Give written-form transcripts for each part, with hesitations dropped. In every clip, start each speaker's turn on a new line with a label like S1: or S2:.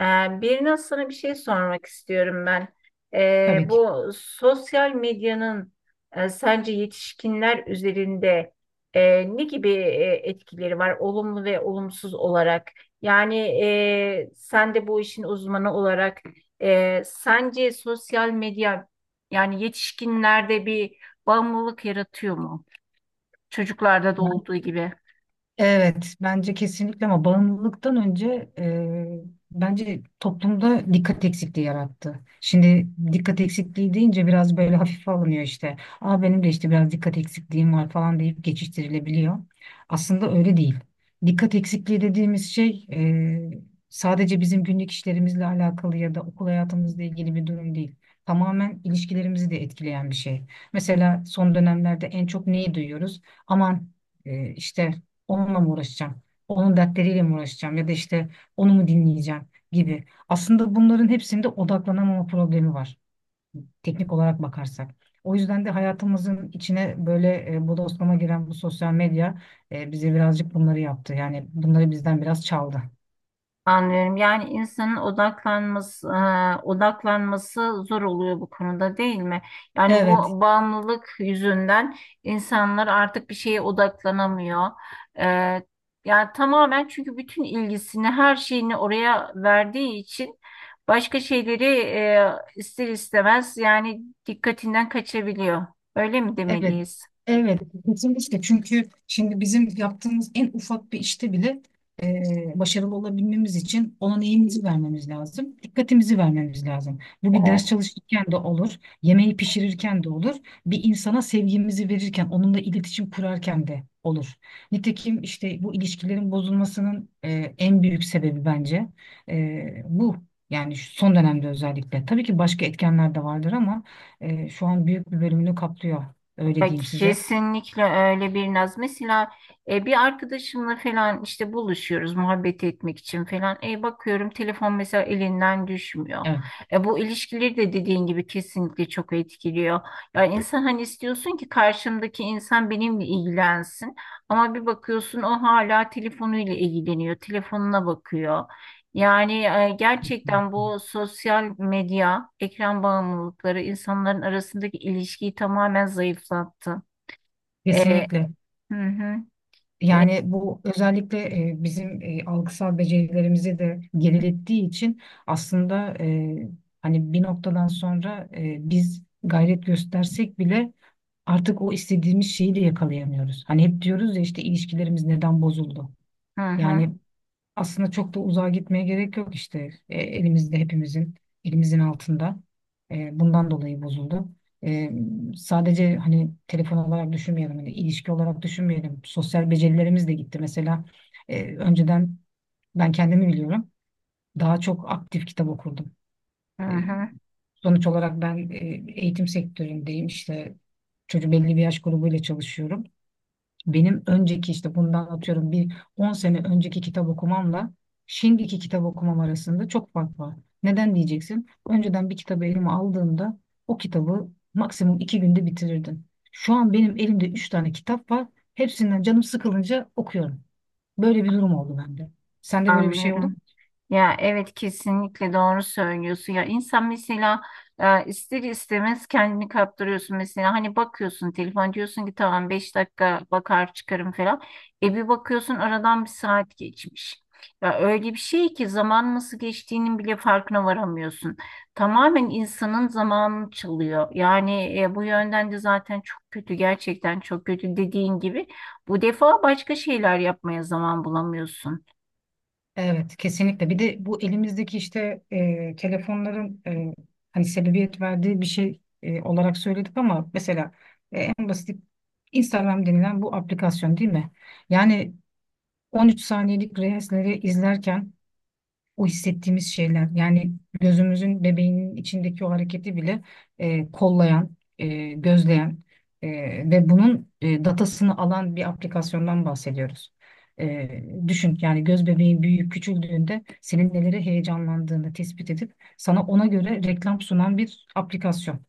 S1: Birine sana bir şey sormak istiyorum ben.
S2: Tabii ki.
S1: Bu sosyal medyanın sence yetişkinler üzerinde ne gibi etkileri var, olumlu ve olumsuz olarak? Yani sen de bu işin uzmanı olarak sence sosyal medya yani yetişkinlerde bir bağımlılık yaratıyor mu? Çocuklarda da olduğu gibi.
S2: Evet, bence kesinlikle ama bağımlılıktan önce bence toplumda dikkat eksikliği yarattı. Şimdi dikkat eksikliği deyince biraz böyle hafife alınıyor işte. Aa benim de işte biraz dikkat eksikliğim var falan deyip geçiştirilebiliyor. Aslında öyle değil. Dikkat eksikliği dediğimiz şey sadece bizim günlük işlerimizle alakalı ya da okul hayatımızla ilgili bir durum değil. Tamamen ilişkilerimizi de etkileyen bir şey. Mesela son dönemlerde en çok neyi duyuyoruz? Aman işte onunla mı uğraşacağım? Onun dertleriyle mi uğraşacağım? Ya da işte onu mu dinleyeceğim gibi. Aslında bunların hepsinde odaklanamama problemi var. Teknik olarak bakarsak. O yüzden de hayatımızın içine böyle bodoslama giren bu sosyal medya bize birazcık bunları yaptı. Yani bunları bizden biraz çaldı.
S1: Anlıyorum. Yani insanın odaklanması, odaklanması zor oluyor bu konuda değil mi? Yani
S2: Evet,
S1: bu bağımlılık yüzünden insanlar artık bir şeye odaklanamıyor. E, yani tamamen çünkü bütün ilgisini, her şeyini oraya verdiği için başka şeyleri ister istemez yani dikkatinden kaçabiliyor. Öyle mi
S2: evet,
S1: demeliyiz?
S2: evet, kesinlikle çünkü şimdi bizim yaptığımız en ufak bir işte bile e, başarılı olabilmemiz için ona neyimizi vermemiz lazım, dikkatimizi vermemiz lazım. Bu bir ders çalışırken de olur, yemeği pişirirken de olur, bir insana sevgimizi verirken, onunla iletişim kurarken de olur. Nitekim işte bu ilişkilerin bozulmasının en büyük sebebi bence bu. Yani şu son dönemde özellikle. Tabii ki başka etkenler de vardır ama şu an büyük bir bölümünü kaplıyor. Öyle
S1: Ya
S2: diyeyim size.
S1: kesinlikle öyle bir naz. Mesela bir arkadaşımla falan işte buluşuyoruz muhabbet etmek için falan. Bakıyorum telefon mesela elinden düşmüyor.
S2: Evet.
S1: Bu ilişkileri de dediğin gibi kesinlikle çok etkiliyor. Ya insan hani istiyorsun ki karşımdaki insan benimle ilgilensin. Ama bir bakıyorsun o hala telefonuyla ilgileniyor. Telefonuna bakıyor. Yani gerçekten bu sosyal medya, ekran bağımlılıkları insanların arasındaki ilişkiyi tamamen zayıflattı. E,
S2: Kesinlikle.
S1: hı hı, e,
S2: Yani bu özellikle bizim algısal becerilerimizi de gerilettiği için aslında hani bir noktadan sonra biz gayret göstersek bile artık o istediğimiz şeyi de yakalayamıyoruz. Hani hep diyoruz ya işte ilişkilerimiz neden bozuldu?
S1: hı hı,
S2: Yani aslında çok da uzağa gitmeye gerek yok işte, elimizde hepimizin elimizin altında, bundan dolayı bozuldu. E, sadece hani telefon olarak düşünmeyelim hani ilişki olarak düşünmeyelim, sosyal becerilerimiz de gitti mesela. Önceden ben kendimi biliyorum, daha çok aktif kitap okurdum.
S1: hı
S2: E,
S1: hı,
S2: sonuç olarak ben eğitim sektöründeyim işte, çocuk belli bir yaş grubuyla çalışıyorum. Benim önceki işte bundan atıyorum bir 10 sene önceki kitap okumamla şimdiki kitap okumam arasında çok fark var. Neden diyeceksin? Önceden bir kitabı elime aldığımda o kitabı maksimum iki günde bitirirdim. Şu an benim elimde üç tane kitap var. Hepsinden canım sıkılınca okuyorum. Böyle bir durum oldu bende. Sende böyle bir şey oldu mu?
S1: anlıyorum. Ya evet kesinlikle doğru söylüyorsun. Ya insan mesela ister istemez kendini kaptırıyorsun. Mesela hani bakıyorsun telefon diyorsun ki tamam 5 dakika bakar çıkarım falan. E bir bakıyorsun aradan bir saat geçmiş. Ya öyle bir şey ki zaman nasıl geçtiğinin bile farkına varamıyorsun. Tamamen insanın zamanını çalıyor. Yani bu yönden de zaten çok kötü gerçekten çok kötü dediğin gibi. Bu defa başka şeyler yapmaya zaman bulamıyorsun.
S2: Evet, kesinlikle. Bir de bu elimizdeki işte telefonların hani sebebiyet verdiği bir şey olarak söyledik ama mesela en basit Instagram denilen bu aplikasyon değil mi? Yani 13 saniyelik reelsleri izlerken o hissettiğimiz şeyler yani gözümüzün bebeğinin içindeki o hareketi bile kollayan, gözleyen, ve bunun datasını alan bir aplikasyondan bahsediyoruz. E, düşün yani, göz bebeğin büyüyüp küçüldüğünde senin neleri heyecanlandığını tespit edip sana ona göre reklam sunan bir aplikasyon.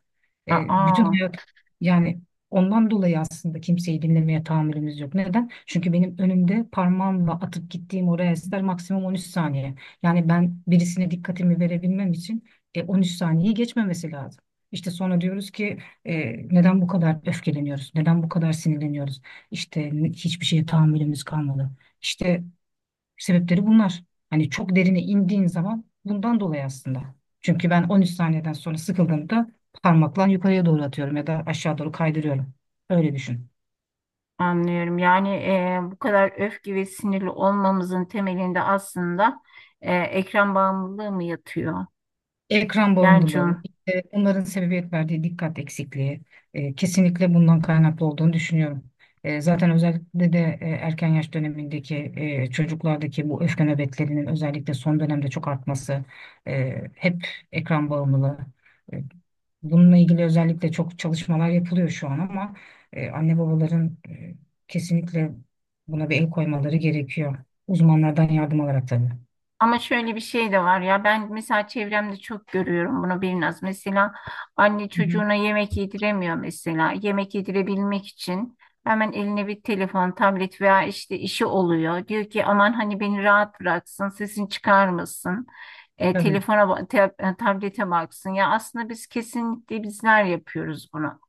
S2: Bütün
S1: Aa.
S2: hayat yani, ondan dolayı aslında kimseyi dinlemeye tahammülümüz yok. Neden? Çünkü benim önümde parmağımla atıp gittiğim o reelsler maksimum 13 saniye. Yani ben birisine dikkatimi verebilmem için 13 saniyeyi geçmemesi lazım. İşte sonra diyoruz ki neden bu kadar öfkeleniyoruz? Neden bu kadar sinirleniyoruz? İşte hiçbir şeye tahammülümüz kalmadı. İşte sebepleri bunlar. Hani çok derine indiğin zaman bundan dolayı aslında. Çünkü ben 13 saniyeden sonra sıkıldığımda parmakla yukarıya doğru atıyorum ya da aşağı doğru kaydırıyorum. Öyle düşün.
S1: Anlıyorum. Yani bu kadar öfke ve sinirli olmamızın temelinde aslında ekran bağımlılığı mı yatıyor?
S2: Ekran
S1: Yani
S2: bağımlılığı, işte onların sebebiyet verdiği dikkat eksikliği, kesinlikle bundan kaynaklı olduğunu düşünüyorum. Zaten özellikle de erken yaş dönemindeki çocuklardaki bu öfke nöbetlerinin özellikle son dönemde çok artması, hep ekran bağımlılığı. E, bununla ilgili özellikle çok çalışmalar yapılıyor şu an ama anne babaların kesinlikle buna bir el koymaları gerekiyor. Uzmanlardan yardım alarak tabii.
S1: ama şöyle bir şey de var ya ben mesela çevremde çok görüyorum bunu biraz. Mesela anne
S2: Hı hı.
S1: çocuğuna yemek yediremiyor mesela. Yemek yedirebilmek için hemen eline bir telefon, tablet veya işte işi oluyor. Diyor ki aman hani beni rahat bıraksın, sesini çıkarmasın.
S2: Tabii,
S1: Telefona, tablete baksın. Ya aslında biz kesinlikle bizler yapıyoruz bunu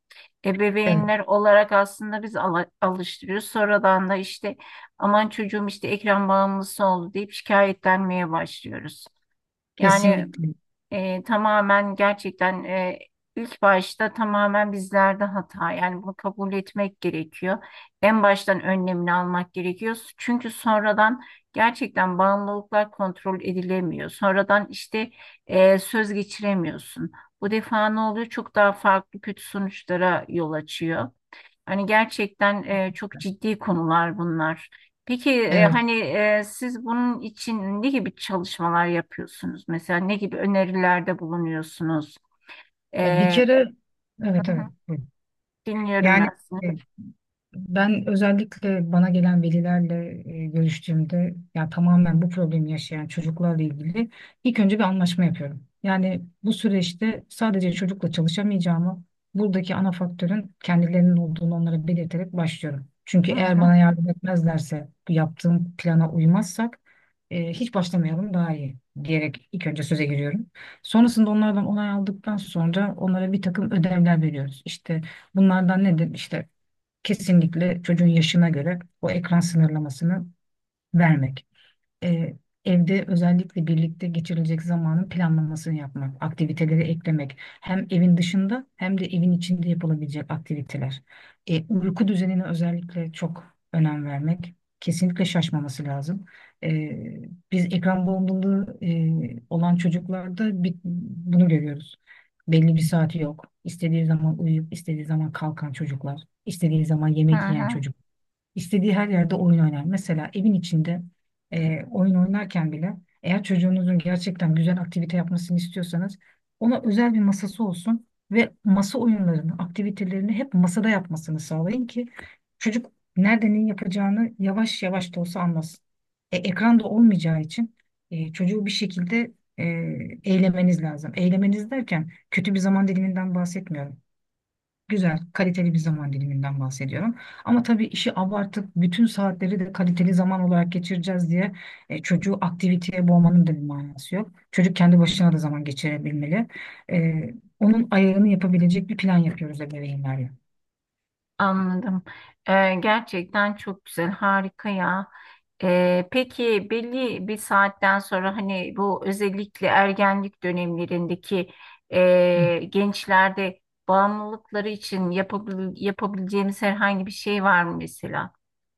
S2: evet,
S1: ebeveynler olarak aslında biz alıştırıyoruz. Sonradan da işte aman çocuğum işte ekran bağımlısı oldu deyip şikayetlenmeye başlıyoruz. Yani
S2: kesinlikle.
S1: tamamen gerçekten ilk başta tamamen bizlerde hata. Yani bunu kabul etmek gerekiyor. En baştan önlemini almak gerekiyor. Çünkü sonradan gerçekten bağımlılıklar kontrol edilemiyor. Sonradan işte söz geçiremiyorsun. Bu defa ne oluyor? Çok daha farklı kötü sonuçlara yol açıyor. Hani gerçekten çok ciddi konular bunlar. Peki
S2: Evet.
S1: hani siz bunun için ne gibi çalışmalar yapıyorsunuz? Mesela ne gibi önerilerde bulunuyorsunuz?
S2: Ya bir
S1: E,
S2: kere evet
S1: hı
S2: evet.
S1: hı,
S2: Buyurun.
S1: dinliyorum
S2: Yani
S1: ben sizi.
S2: e, ben özellikle bana gelen velilerle görüştüğümde, ya tamamen bu problemi yaşayan çocuklarla ilgili ilk önce bir anlaşma yapıyorum. Yani bu süreçte sadece çocukla çalışamayacağımı, buradaki ana faktörün kendilerinin olduğunu onlara belirterek başlıyorum. Çünkü
S1: Hı
S2: eğer
S1: hı,
S2: bana yardım etmezlerse, bu yaptığım plana uymazsak hiç başlamayalım daha iyi diyerek ilk önce söze giriyorum. Sonrasında onlardan onay aldıktan sonra onlara bir takım ödevler veriyoruz. İşte bunlardan nedir? İşte kesinlikle çocuğun yaşına göre o ekran sınırlamasını vermek, e, evde özellikle birlikte geçirilecek zamanın planlamasını yapmak, aktiviteleri eklemek, hem evin dışında hem de evin içinde yapılabilecek aktiviteler. Uyku düzenine özellikle çok önem vermek. Kesinlikle şaşmaması lazım. E, biz ekran bağımlılığı olan çocuklarda bir, bunu görüyoruz. Belli bir saati yok. İstediği zaman uyuyup istediği zaman kalkan çocuklar, istediği zaman
S1: hı
S2: yemek yiyen
S1: hı.
S2: çocuklar. İstediği her yerde oyun oynar. Mesela evin içinde oyun oynarken bile, eğer çocuğunuzun gerçekten güzel aktivite yapmasını istiyorsanız ona özel bir masası olsun ve masa oyunlarını, aktivitelerini hep masada yapmasını sağlayın ki çocuk nerede ne yapacağını yavaş yavaş da olsa anlasın. Ekran da olmayacağı için çocuğu bir şekilde eylemeniz lazım. Eylemeniz derken kötü bir zaman diliminden bahsetmiyorum. Güzel, kaliteli bir zaman diliminden bahsediyorum. Ama tabii işi abartıp bütün saatleri de kaliteli zaman olarak geçireceğiz diye çocuğu aktiviteye boğmanın da bir manası yok. Çocuk kendi başına da zaman geçirebilmeli. E, onun ayarını yapabilecek bir plan yapıyoruz ebeveynlerle.
S1: Anladım. Gerçekten çok güzel, harika ya. Peki belli bir saatten sonra hani bu özellikle ergenlik dönemlerindeki
S2: Hı.
S1: gençlerde bağımlılıkları için yapabileceğimiz herhangi bir şey var mı mesela?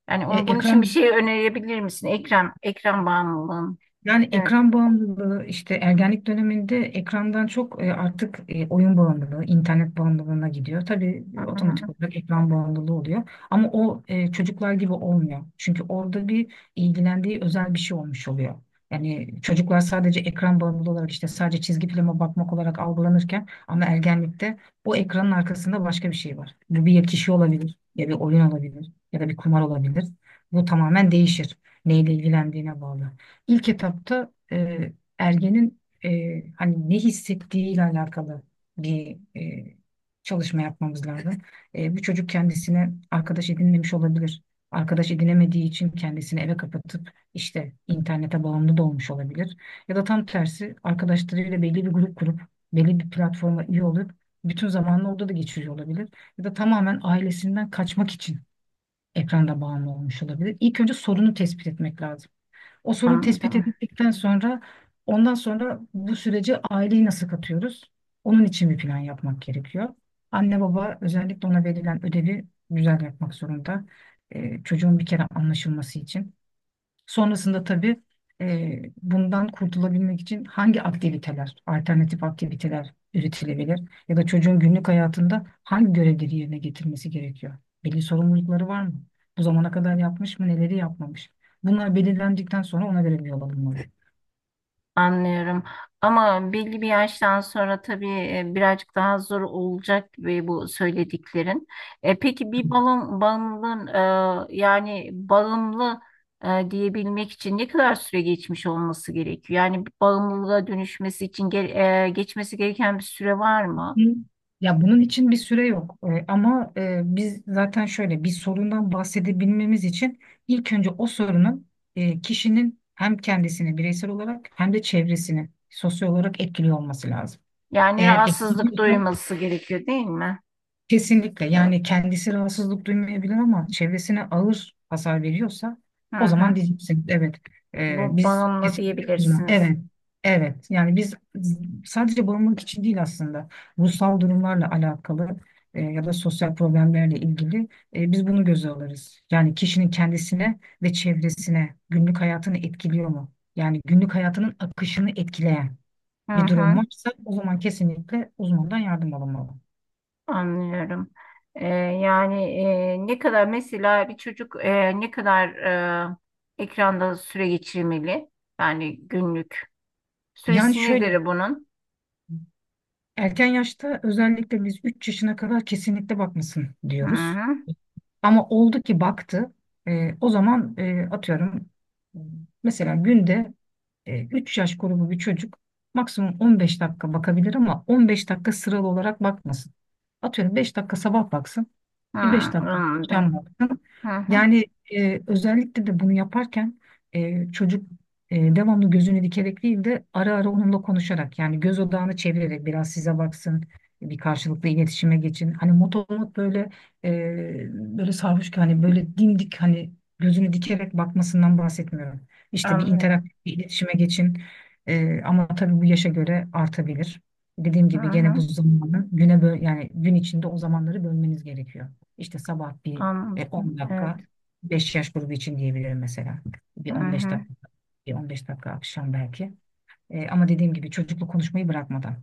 S1: Yani
S2: E,
S1: onun, bunun için bir
S2: ekran
S1: şey önerebilir misin? Ekran bağımlılığın.
S2: Yani
S1: Evet,
S2: ekran bağımlılığı işte ergenlik döneminde ekrandan çok artık oyun bağımlılığı, internet bağımlılığına gidiyor. Tabii
S1: hı
S2: otomatik
S1: hı,
S2: olarak ekran bağımlılığı oluyor. Ama o çocuklar gibi olmuyor. Çünkü orada bir ilgilendiği özel bir şey olmuş oluyor. Yani çocuklar sadece ekran bağımlılığı olarak işte sadece çizgi filme bakmak olarak algılanırken, ama ergenlikte o ekranın arkasında başka bir şey var. Bu bir kişi olabilir ya bir oyun olabilir ya da bir kumar olabilir. Bu tamamen değişir. Neyle ilgilendiğine bağlı. İlk etapta ergenin hani ne hissettiğiyle alakalı bir çalışma yapmamız lazım. Bu çocuk kendisine arkadaş edinmemiş olabilir. Arkadaş edinemediği için kendisini eve kapatıp işte internete bağımlı da olmuş olabilir. Ya da tam tersi, arkadaşlarıyla belli bir grup kurup belli bir platforma üye olup bütün zamanını orada da geçiriyor olabilir. Ya da tamamen ailesinden kaçmak için ekranda bağımlı olmuş olabilir. İlk önce sorunu tespit etmek lazım. O sorun tespit
S1: anladım.
S2: edildikten sonra ondan sonra bu sürece aileyi nasıl katıyoruz? Onun için bir plan yapmak gerekiyor. Anne baba özellikle ona verilen ödevi güzel yapmak zorunda. Çocuğun bir kere anlaşılması için. Sonrasında tabii bundan kurtulabilmek için hangi aktiviteler, alternatif aktiviteler üretilebilir ya da çocuğun günlük hayatında hangi görevleri yerine getirmesi gerekiyor? Belli sorumlulukları var mı? Bu zamana kadar yapmış mı, neleri yapmamış? Bunlar belirlendikten sonra ona göre bir yol alınmalı.
S1: Anlıyorum. Ama belli bir yaştan sonra tabii birazcık daha zor olacak gibi bu söylediklerin. Peki bağımlılığın yani bağımlı diyebilmek için ne kadar süre geçmiş olması gerekiyor? Yani bir bağımlılığa dönüşmesi için geçmesi gereken bir süre var mı?
S2: Hı. Ya bunun için bir süre yok. Ama biz zaten şöyle bir sorundan bahsedebilmemiz için ilk önce o sorunun kişinin hem kendisini bireysel olarak hem de çevresini sosyal olarak etkiliyor olması lazım.
S1: Yani
S2: Eğer
S1: rahatsızlık
S2: etkiliyorsa,
S1: duyması gerekiyor değil mi?
S2: kesinlikle. Yani kendisi rahatsızlık duymayabilir ama çevresine ağır hasar veriyorsa
S1: Hı
S2: o
S1: hı.
S2: zaman diyeceksin evet. Ee,
S1: Bu
S2: biz
S1: bağımlı
S2: kesinlikle uzman,
S1: diyebilirsiniz.
S2: evet evet, yani biz sadece bağımlılık için değil aslında ruhsal durumlarla alakalı ya da sosyal problemlerle ilgili biz bunu göze alırız. Yani kişinin kendisine ve çevresine günlük hayatını etkiliyor mu? Yani günlük hayatının akışını etkileyen
S1: Hı
S2: bir
S1: hı.
S2: durum varsa o zaman kesinlikle uzmandan yardım alınmalı.
S1: Anlıyorum. Yani ne kadar mesela bir çocuk ne kadar ekranda süre geçirmeli? Yani günlük
S2: Yani
S1: süresi
S2: şöyle,
S1: nedir bunun?
S2: erken yaşta özellikle biz 3 yaşına kadar kesinlikle bakmasın
S1: Hı
S2: diyoruz.
S1: hı.
S2: Ama oldu ki baktı. O zaman atıyorum, mesela günde 3 yaş grubu bir çocuk maksimum 15 dakika bakabilir ama 15 dakika sıralı olarak bakmasın. Atıyorum 5 dakika sabah baksın,
S1: Hı,
S2: bir 5 dakika
S1: anladım.
S2: akşam baksın.
S1: Hı hı.
S2: Yani özellikle de bunu yaparken çocuk devamlı gözünü dikerek değil de ara ara onunla konuşarak, yani göz odağını çevirerek biraz size baksın, bir karşılıklı iletişime geçin. Hani motomot böyle, böyle sarhoş ki hani, böyle dimdik hani gözünü dikerek bakmasından bahsetmiyorum. İşte bir
S1: Anlıyorum.
S2: interaktif bir iletişime geçin. Ama tabii bu yaşa göre artabilir. Dediğim
S1: Hı
S2: gibi gene bu
S1: hı.
S2: zamanı güne böl, yani gün içinde o zamanları bölmeniz gerekiyor. İşte sabah bir 10
S1: Anladım. Evet.
S2: dakika, 5 yaş grubu için diyebilirim mesela. Bir
S1: Hı
S2: 15
S1: hı.
S2: dakika, bir 15 dakika akşam belki. Ama dediğim gibi çocukla konuşmayı bırakmadan.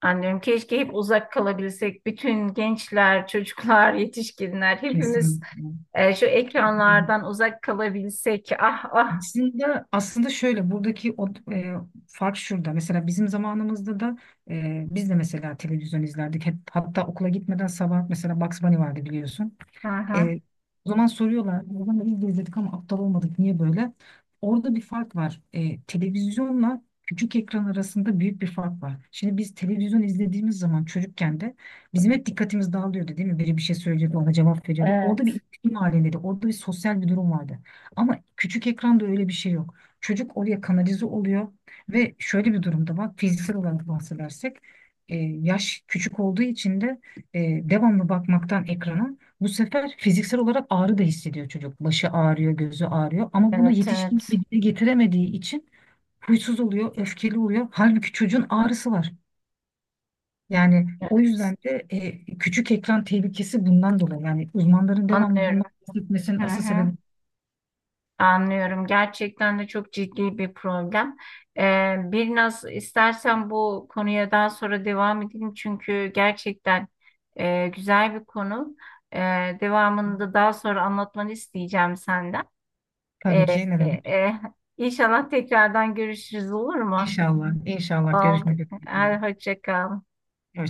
S1: Anlıyorum. Keşke hep uzak kalabilsek. Bütün gençler, çocuklar, yetişkinler hepimiz
S2: Kesin.
S1: şu ekranlardan uzak kalabilsek. Ah ah.
S2: Aslında aslında şöyle, buradaki o fark şurada. Mesela bizim zamanımızda da biz de mesela televizyon izlerdik. Hep, hatta okula gitmeden sabah mesela Bugs Bunny vardı biliyorsun.
S1: Hı hı.
S2: E, o zaman soruyorlar, o zaman biz de izledik ama aptal olmadık, niye böyle? Orada bir fark var. Televizyonla küçük ekran arasında büyük bir fark var. Şimdi biz televizyon izlediğimiz zaman çocukken de bizim hep dikkatimiz dağılıyordu değil mi? Biri bir şey söylüyordu, ona cevap veriyorduk. Orada bir
S1: Evet.
S2: iletişim halindeydi, orada bir sosyal bir durum vardı. Ama küçük ekranda öyle bir şey yok. Çocuk oraya kanalize oluyor ve şöyle bir durumda var. Fiziksel olarak bahsedersek yaş küçük olduğu için de e, devamlı bakmaktan ekrana bu sefer fiziksel olarak ağrı da hissediyor çocuk. Başı ağrıyor, gözü ağrıyor ama bunu
S1: Evet,
S2: yetişkin
S1: evet.
S2: gibi dile getiremediği için huysuz oluyor, öfkeli oluyor. Halbuki çocuğun ağrısı var. Yani o
S1: Evet,
S2: yüzden de küçük ekran tehlikesi bundan dolayı. Yani uzmanların devamlı
S1: anlıyorum.
S2: bundan bahsetmesinin
S1: Hı
S2: asıl sebebi.
S1: hı, anlıyorum. Gerçekten de çok ciddi bir problem. Bir naz istersen bu konuya daha sonra devam edelim çünkü gerçekten güzel bir konu. Ee, devamını da daha sonra anlatmanı isteyeceğim senden.
S2: Tabii
S1: Ee,
S2: ki, ne
S1: e,
S2: demek?
S1: e, inşallah tekrardan görüşürüz olur mu?
S2: İnşallah, inşallah
S1: Oldu.
S2: görüşmek üzere.
S1: Hadi hoşça kal.